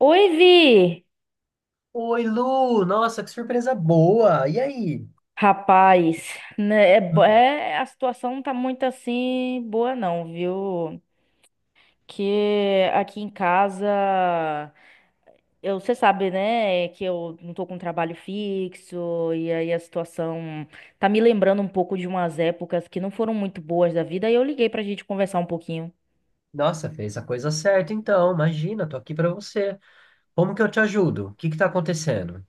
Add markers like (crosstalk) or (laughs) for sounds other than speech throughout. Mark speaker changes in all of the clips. Speaker 1: Oi, Vi!
Speaker 2: Oi, Lu! Nossa, que surpresa boa! E aí?
Speaker 1: Rapaz, né, a situação não tá muito assim boa não, viu? Que aqui em casa, eu, você sabe, né, que eu não tô com trabalho fixo, e aí a situação tá me lembrando um pouco de umas épocas que não foram muito boas da vida, e eu liguei pra gente conversar um pouquinho.
Speaker 2: Nossa, fez a coisa certa então. Imagina, tô aqui pra você. Como que eu te ajudo? O que que tá acontecendo?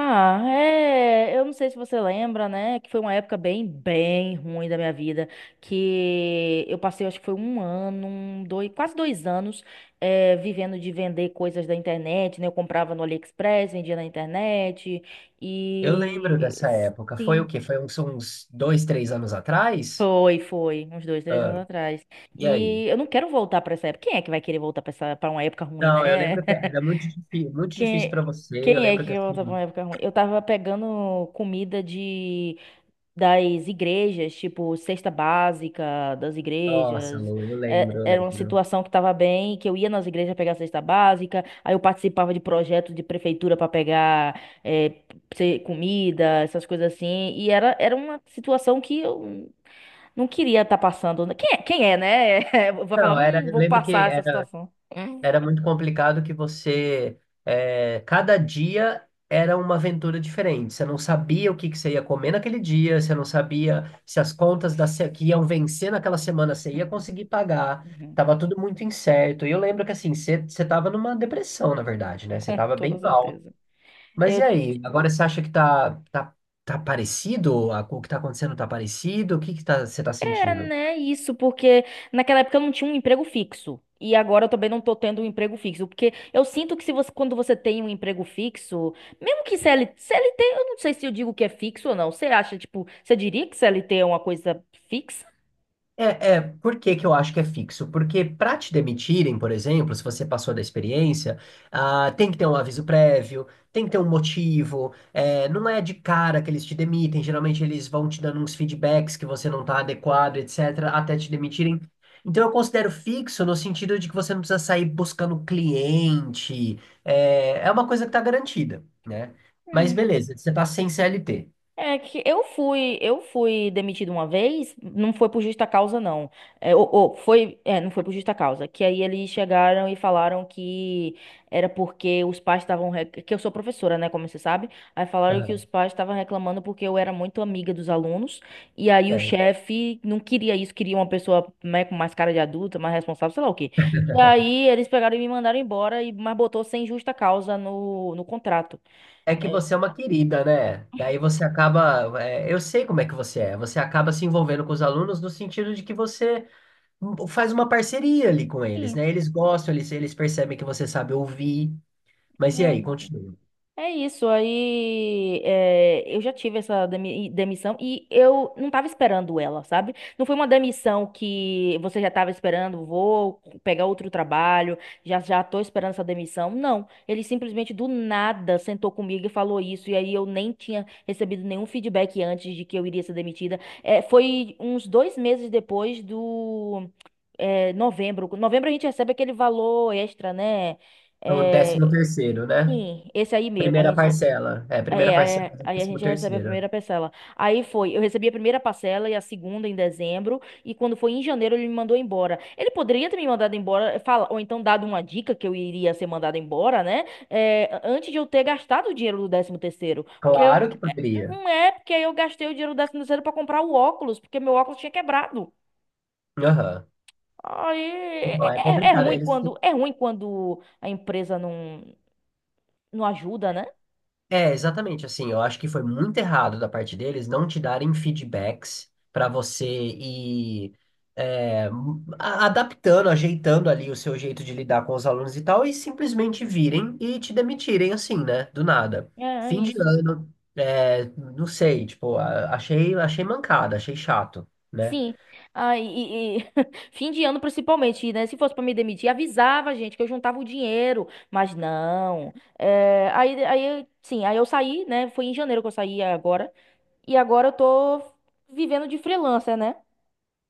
Speaker 1: Ah, é. Eu não sei se você lembra, né? Que foi uma época bem, bem ruim da minha vida. Que eu passei, acho que foi um ano, um, dois, quase 2 anos, vivendo de vender coisas da internet, né? Eu comprava no AliExpress, vendia na internet.
Speaker 2: Eu lembro
Speaker 1: E.
Speaker 2: dessa época. Foi o
Speaker 1: Sim.
Speaker 2: quê? Foi uns dois, três anos atrás?
Speaker 1: Foi, foi. Uns dois, três anos
Speaker 2: Ah,
Speaker 1: atrás.
Speaker 2: e aí?
Speaker 1: E eu não quero voltar pra essa época. Quem é que vai querer voltar pra essa, pra uma época ruim, né?
Speaker 2: Não, eu lembro que
Speaker 1: (laughs)
Speaker 2: era muito difícil para
Speaker 1: Quem,
Speaker 2: você. Eu
Speaker 1: quem é
Speaker 2: lembro que
Speaker 1: que volta pra uma
Speaker 2: assim,
Speaker 1: época ruim? Eu tava pegando comida de. Das igrejas, tipo, cesta básica das
Speaker 2: nossa,
Speaker 1: igrejas.
Speaker 2: Lu, eu lembro,
Speaker 1: É,
Speaker 2: eu
Speaker 1: era uma
Speaker 2: lembro.
Speaker 1: situação que estava bem, que eu ia nas igrejas pegar cesta básica, aí eu participava de projetos de prefeitura para pegar comida, essas coisas assim. E era uma situação que eu não queria estar passando. Quem é, né? (laughs) Eu vou falar,
Speaker 2: Não, eu
Speaker 1: vou
Speaker 2: lembro que
Speaker 1: passar essa
Speaker 2: era
Speaker 1: situação. Hum.
Speaker 2: era muito complicado que você cada dia era uma aventura diferente. Você não sabia o que que você ia comer naquele dia, você não sabia se as contas da se- que iam vencer naquela semana você ia conseguir pagar.
Speaker 1: Uhum.
Speaker 2: Tava tudo muito incerto. E eu lembro que assim, você tava numa depressão, na verdade, né?
Speaker 1: (laughs)
Speaker 2: Você
Speaker 1: Com
Speaker 2: tava
Speaker 1: toda
Speaker 2: bem mal.
Speaker 1: certeza.
Speaker 2: Mas e aí? Agora você acha que tá parecido? O que tá acontecendo tá parecido? O que que tá, você tá
Speaker 1: É,
Speaker 2: sentindo?
Speaker 1: né, isso, porque naquela época eu não tinha um emprego fixo. E agora eu também não tô tendo um emprego fixo, porque eu sinto que se você, quando você tem um emprego fixo, mesmo que CLT, eu não sei se eu digo que é fixo ou não. Você acha, tipo, você diria que CLT é uma coisa fixa?
Speaker 2: É, por que que eu acho que é fixo? Porque para te demitirem, por exemplo, se você passou da experiência, ah, tem que ter um aviso prévio, tem que ter um motivo, é, não é de cara que eles te demitem, geralmente eles vão te dando uns feedbacks que você não está adequado, etc., até te demitirem. Então eu considero fixo no sentido de que você não precisa sair buscando cliente, é uma coisa que está garantida, né? Mas beleza, você está sem CLT.
Speaker 1: É que eu fui demitido uma vez, não foi por justa causa, não. É, foi, não foi por justa causa. Que aí eles chegaram e falaram que era porque os pais estavam. Que eu sou professora, né? Como você sabe. Aí falaram que os
Speaker 2: Aham.
Speaker 1: pais estavam reclamando porque eu era muito amiga dos alunos. E aí o
Speaker 2: É,
Speaker 1: chefe não queria isso, queria uma pessoa, né, com mais cara de adulta, mais responsável, sei lá o quê. E aí eles pegaram e me mandaram embora, e, mas botou sem justa causa no contrato.
Speaker 2: É que
Speaker 1: É.
Speaker 2: você é uma querida, né? Daí você acaba. Eu sei como é que você é. Você acaba se envolvendo com os alunos no sentido de que você faz uma parceria ali com eles, né? Eles gostam, eles percebem que você sabe ouvir. Mas e aí,
Speaker 1: Sim.
Speaker 2: continua.
Speaker 1: É isso, aí é, eu já tive essa demissão e eu não tava esperando ela, sabe? Não foi uma demissão que você já tava esperando, vou pegar outro trabalho, já tô esperando essa demissão. Não, ele simplesmente do nada sentou comigo e falou isso, e aí eu nem tinha recebido nenhum feedback antes de que eu iria ser demitida. É, foi uns 2 meses depois do novembro. Novembro a gente recebe aquele valor extra, né?
Speaker 2: É o décimo
Speaker 1: É,
Speaker 2: terceiro, né?
Speaker 1: sim, esse aí mesmo, a
Speaker 2: Primeira
Speaker 1: gente.
Speaker 2: parcela. É, primeira
Speaker 1: Aí,
Speaker 2: parcela
Speaker 1: aí,
Speaker 2: do
Speaker 1: aí a
Speaker 2: décimo
Speaker 1: gente recebe a
Speaker 2: terceiro.
Speaker 1: primeira parcela. Aí foi, eu recebi a primeira parcela e a segunda em dezembro, e quando foi em janeiro ele me mandou embora. Ele poderia ter me mandado embora, fala, ou então dado uma dica que eu iria ser mandado embora, né? É, antes de eu ter gastado o dinheiro do décimo terceiro, porque eu
Speaker 2: Claro que poderia.
Speaker 1: não é porque eu gastei o dinheiro do décimo terceiro para comprar o óculos, porque meu óculos tinha quebrado.
Speaker 2: Aham.
Speaker 1: Aí é,
Speaker 2: Não, é
Speaker 1: é
Speaker 2: complicado.
Speaker 1: ruim
Speaker 2: Eles.
Speaker 1: quando é ruim quando a empresa não ajuda, né?
Speaker 2: É, exatamente assim. Eu acho que foi muito errado da parte deles não te darem feedbacks para você ir é, adaptando, ajeitando ali o seu jeito de lidar com os alunos e tal, e simplesmente virem e te demitirem assim, né? Do nada.
Speaker 1: É, é
Speaker 2: Fim de
Speaker 1: isso.
Speaker 2: ano, é, não sei, tipo, achei, achei mancada, achei chato, né?
Speaker 1: Sim. Ah, e (laughs) fim de ano principalmente, né? Se fosse pra me demitir, avisava, gente, que eu juntava o dinheiro, mas não. É, sim, aí eu saí, né? Foi em janeiro que eu saí agora. E agora eu tô vivendo de freelancer, né?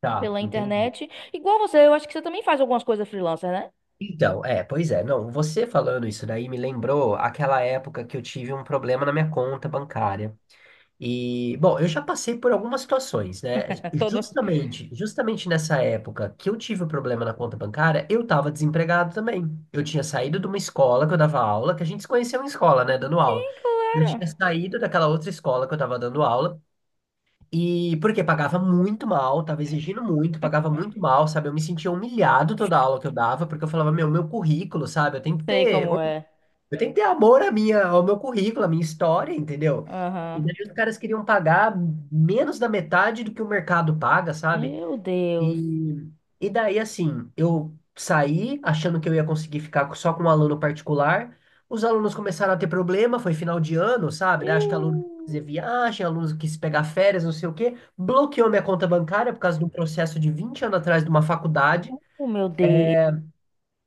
Speaker 2: Tá,
Speaker 1: Pela
Speaker 2: entendi.
Speaker 1: internet. Igual você, eu acho que você também faz algumas coisas freelancer, né?
Speaker 2: Então, é, pois é, não, você falando isso daí me lembrou aquela época que eu tive um problema na minha conta bancária. E, bom, eu já passei por algumas situações, né?
Speaker 1: (laughs) Todo.
Speaker 2: Justamente, nessa época que eu tive o problema na conta bancária, eu estava desempregado também. Eu tinha saído de uma escola que eu dava aula, que a gente se conheceu em escola, né, dando aula.
Speaker 1: Sim,
Speaker 2: Eu
Speaker 1: claro.
Speaker 2: tinha saído daquela outra escola que eu estava dando aula, e porque pagava muito mal, tava exigindo muito, pagava muito mal, sabe? Eu me sentia humilhado toda aula que eu dava, porque eu falava, meu currículo, sabe? Eu tenho que
Speaker 1: Sei
Speaker 2: ter
Speaker 1: como é.
Speaker 2: eu tenho que ter amor ao meu currículo, à minha história, entendeu? E
Speaker 1: Aham.
Speaker 2: daí os caras queriam pagar menos da metade do que o mercado paga, sabe?
Speaker 1: Meu Deus.
Speaker 2: E, e daí, assim, eu saí achando que eu ia conseguir ficar só com um aluno particular. Os alunos começaram a ter problema, foi final de ano, sabe? Daí acho que aluno quis fazer
Speaker 1: Ih.
Speaker 2: viagem, aluno quis pegar férias, não sei o quê. Bloqueou minha conta bancária por causa de um processo de 20 anos atrás de uma faculdade.
Speaker 1: Oh, meu Deus.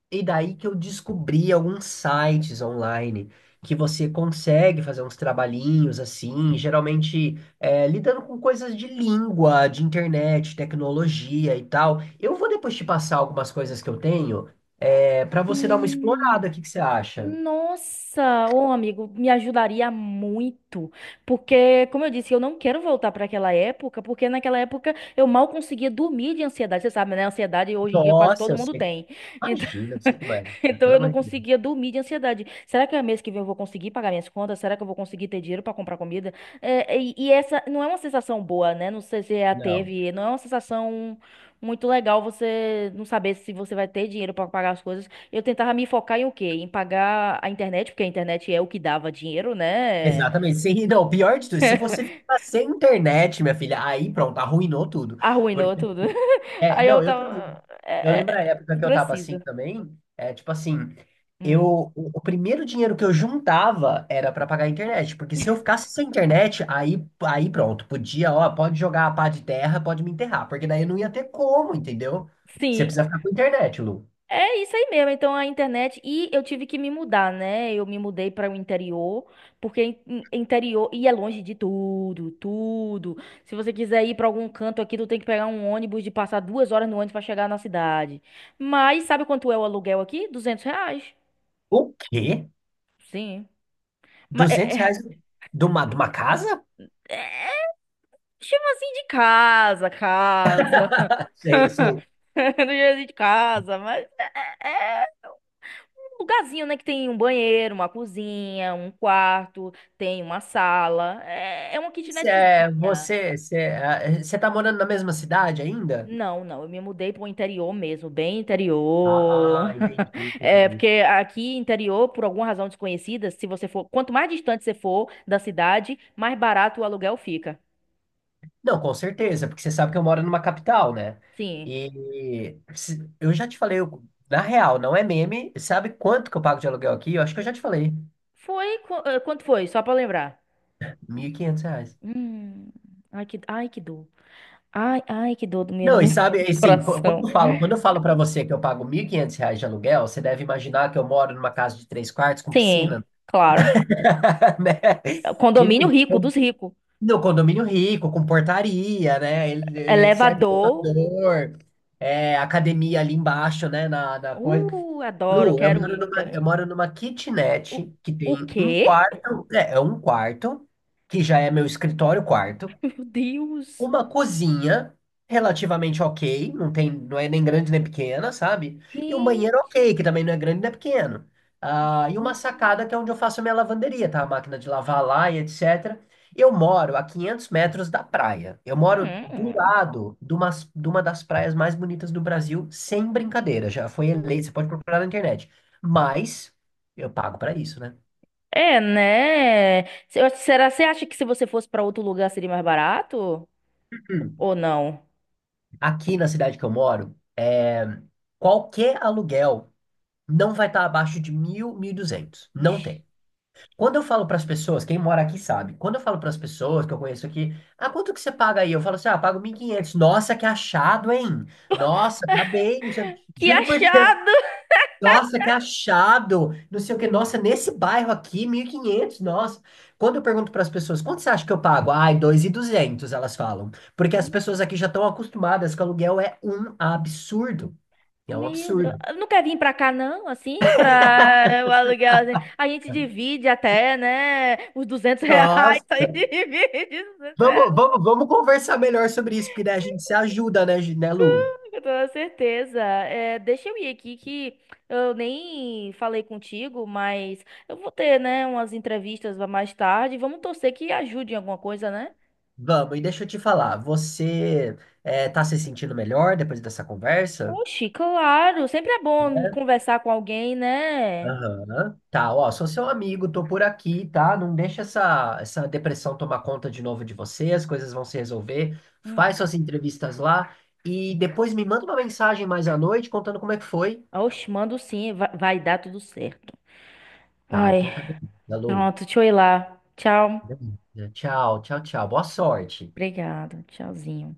Speaker 2: E daí que eu descobri alguns sites online que você consegue fazer uns trabalhinhos assim, geralmente lidando com coisas de língua, de internet, tecnologia e tal. Eu vou depois te passar algumas coisas que eu tenho para você dar uma
Speaker 1: Ih.
Speaker 2: explorada. O que que você acha?
Speaker 1: Nossa, ô amigo, me ajudaria muito, porque, como eu disse, eu não quero voltar para aquela época, porque naquela época eu mal conseguia dormir de ansiedade, você sabe, né? Ansiedade hoje em dia quase
Speaker 2: Nossa,
Speaker 1: todo
Speaker 2: eu
Speaker 1: mundo
Speaker 2: sei.
Speaker 1: tem. Então,
Speaker 2: Imagina, eu sei como é.
Speaker 1: (laughs) então
Speaker 2: Pelo
Speaker 1: eu não
Speaker 2: amor de Deus.
Speaker 1: conseguia dormir de ansiedade. Será que é mês que vem eu vou conseguir pagar minhas contas? Será que eu vou conseguir ter dinheiro para comprar comida? É, e essa não é uma sensação boa, né? Não sei se você a
Speaker 2: Não.
Speaker 1: teve, não é uma sensação muito legal você não saber se você vai ter dinheiro para pagar as coisas. Eu tentava me focar em o quê? Em pagar a internet, porque a internet é o que dava dinheiro, né?
Speaker 2: Exatamente. Sem, não, pior de tudo, se você ficar sem internet, minha filha, aí pronto, arruinou tudo.
Speaker 1: Arruinou tudo. (laughs)
Speaker 2: É,
Speaker 1: Aí eu
Speaker 2: não, eu
Speaker 1: tava.
Speaker 2: também. Eu lembro a época que eu tava assim
Speaker 1: Precisa.
Speaker 2: também, é tipo assim, eu
Speaker 1: Hum.
Speaker 2: o, o primeiro dinheiro que eu juntava era pra pagar a internet, porque se eu ficasse sem internet, aí pronto, podia, ó, pode jogar a pá de terra, pode me enterrar, porque daí não ia ter como, entendeu? Você
Speaker 1: Sim,
Speaker 2: precisa ficar com internet, Lu.
Speaker 1: é isso aí mesmo. Então a internet. E eu tive que me mudar, né? Eu me mudei para o interior, porque interior. E é longe de tudo, tudo. Se você quiser ir para algum canto aqui, tu tem que pegar um ônibus de passar 2 horas no ônibus para chegar na cidade. Mas sabe quanto é o aluguel aqui? R$ 200.
Speaker 2: O quê?
Speaker 1: Sim. Mas.
Speaker 2: 200 reais de uma casa?
Speaker 1: Chama assim de casa, casa. (laughs)
Speaker 2: Você,
Speaker 1: Do jeito de casa, mas é um lugarzinho, né? Que tem um banheiro, uma cozinha, um quarto, tem uma sala. É uma
Speaker 2: você, é,
Speaker 1: kitnetzinha.
Speaker 2: você, você, é, você tá morando na mesma cidade ainda?
Speaker 1: Não, não, eu me mudei pro interior mesmo, bem
Speaker 2: Ah,
Speaker 1: interior.
Speaker 2: entendi,
Speaker 1: (laughs) É, porque
Speaker 2: entendi.
Speaker 1: aqui interior, por alguma razão desconhecida, se você for, quanto mais distante você for da cidade, mais barato o aluguel fica.
Speaker 2: Não, com certeza, porque você sabe que eu moro numa capital, né?
Speaker 1: Sim.
Speaker 2: Eu já te falei, na real, não é meme, sabe quanto que eu pago de aluguel aqui? Eu acho que eu já te falei,
Speaker 1: Quanto foi? Só pra lembrar.
Speaker 2: 1.500 reais.
Speaker 1: Hum, ai que dor. Ai, ai que dor do meu
Speaker 2: Não, e
Speaker 1: no
Speaker 2: sabe,
Speaker 1: (laughs)
Speaker 2: assim, qu- quando
Speaker 1: coração.
Speaker 2: eu falo, quando eu falo para você que eu pago 1.500 reais de aluguel, você deve imaginar que eu moro numa casa de três quartos com
Speaker 1: Sim,
Speaker 2: piscina,
Speaker 1: claro.
Speaker 2: (laughs) né?
Speaker 1: Condomínio
Speaker 2: Menino,
Speaker 1: rico,
Speaker 2: eu
Speaker 1: dos ricos.
Speaker 2: no condomínio rico, com portaria, né? Etc.
Speaker 1: Elevador.
Speaker 2: elevador, academia ali embaixo, né? Na coisa.
Speaker 1: Adoro,
Speaker 2: Lu, eu
Speaker 1: quero
Speaker 2: moro
Speaker 1: ir.
Speaker 2: numa,
Speaker 1: Quero ir.
Speaker 2: eu moro numa
Speaker 1: O,
Speaker 2: kitnet que tem
Speaker 1: o
Speaker 2: um
Speaker 1: quê?
Speaker 2: quarto, é um quarto, que já é meu escritório quarto,
Speaker 1: (laughs) Meu Deus.
Speaker 2: uma cozinha relativamente ok, não tem, não é nem grande nem pequena, sabe? E um
Speaker 1: Gente.
Speaker 2: banheiro ok, que também não é grande nem pequeno. Ah, e uma sacada que é onde eu faço a minha lavanderia, tá? A máquina de lavar lá e etc. Eu moro a 500 metros da praia. Eu moro do
Speaker 1: Hum.
Speaker 2: lado de uma das praias mais bonitas do Brasil, sem brincadeira. Já foi eleita, você pode procurar na internet. Mas eu pago pra isso, né?
Speaker 1: É, né? Será, você acha que se você fosse pra outro lugar seria mais barato?
Speaker 2: Hum.
Speaker 1: Ou não?
Speaker 2: Aqui na cidade que eu moro, qualquer aluguel não vai estar abaixo de 1.000, duzentos. Não
Speaker 1: Ixi.
Speaker 2: tem. Quando eu falo para as pessoas, quem mora aqui sabe, quando eu falo para as pessoas que eu conheço aqui, ah, quanto que você paga aí? Eu falo assim, ah, pago 1.500. Nossa, que achado, hein? Nossa, tá bem, não sei o quê.
Speaker 1: Que
Speaker 2: Juro por Deus. (laughs)
Speaker 1: achado!
Speaker 2: Nossa, que achado. Não sei o que. Nossa, nesse bairro aqui, 1.500. Nossa. Quando eu pergunto para as pessoas, quanto você acha que eu pago? Ai, dois e duzentos, elas falam. Porque as pessoas aqui já estão acostumadas que aluguel é um absurdo. É um
Speaker 1: Meu Deus.
Speaker 2: absurdo.
Speaker 1: Não quer vir pra cá, não? Assim, pra o aluguel. Assim? A gente divide até, né? Os 200 (laughs) reais.
Speaker 2: Nossa,
Speaker 1: A gente divide os R$ 200.
Speaker 2: vamos conversar melhor sobre isso, porque daí a gente se ajuda, né, né, Lu?
Speaker 1: Com toda certeza. É, deixa eu ir aqui que eu nem falei contigo, mas eu vou ter, né, umas entrevistas mais tarde. Vamos torcer que ajude em alguma coisa, né?
Speaker 2: Vamos, e deixa eu te falar, você tá se sentindo melhor depois dessa conversa?
Speaker 1: Oxi, claro. Sempre é bom conversar com alguém, né?
Speaker 2: Aham. Tá, ó, sou seu amigo, tô por aqui, tá? Não deixa essa depressão tomar conta de novo de você, as coisas vão se resolver.
Speaker 1: Uhum.
Speaker 2: Faz suas entrevistas lá e depois me manda uma mensagem mais à noite contando como é que foi.
Speaker 1: Oxi, mando sim. Vai, vai dar tudo certo.
Speaker 2: Tá,
Speaker 1: Ai.
Speaker 2: então tá bem, né, Lu.
Speaker 1: Pronto, deixa eu ir lá. Tchau.
Speaker 2: Tchau, tchau, tchau. Boa sorte.
Speaker 1: Obrigada. Tchauzinho.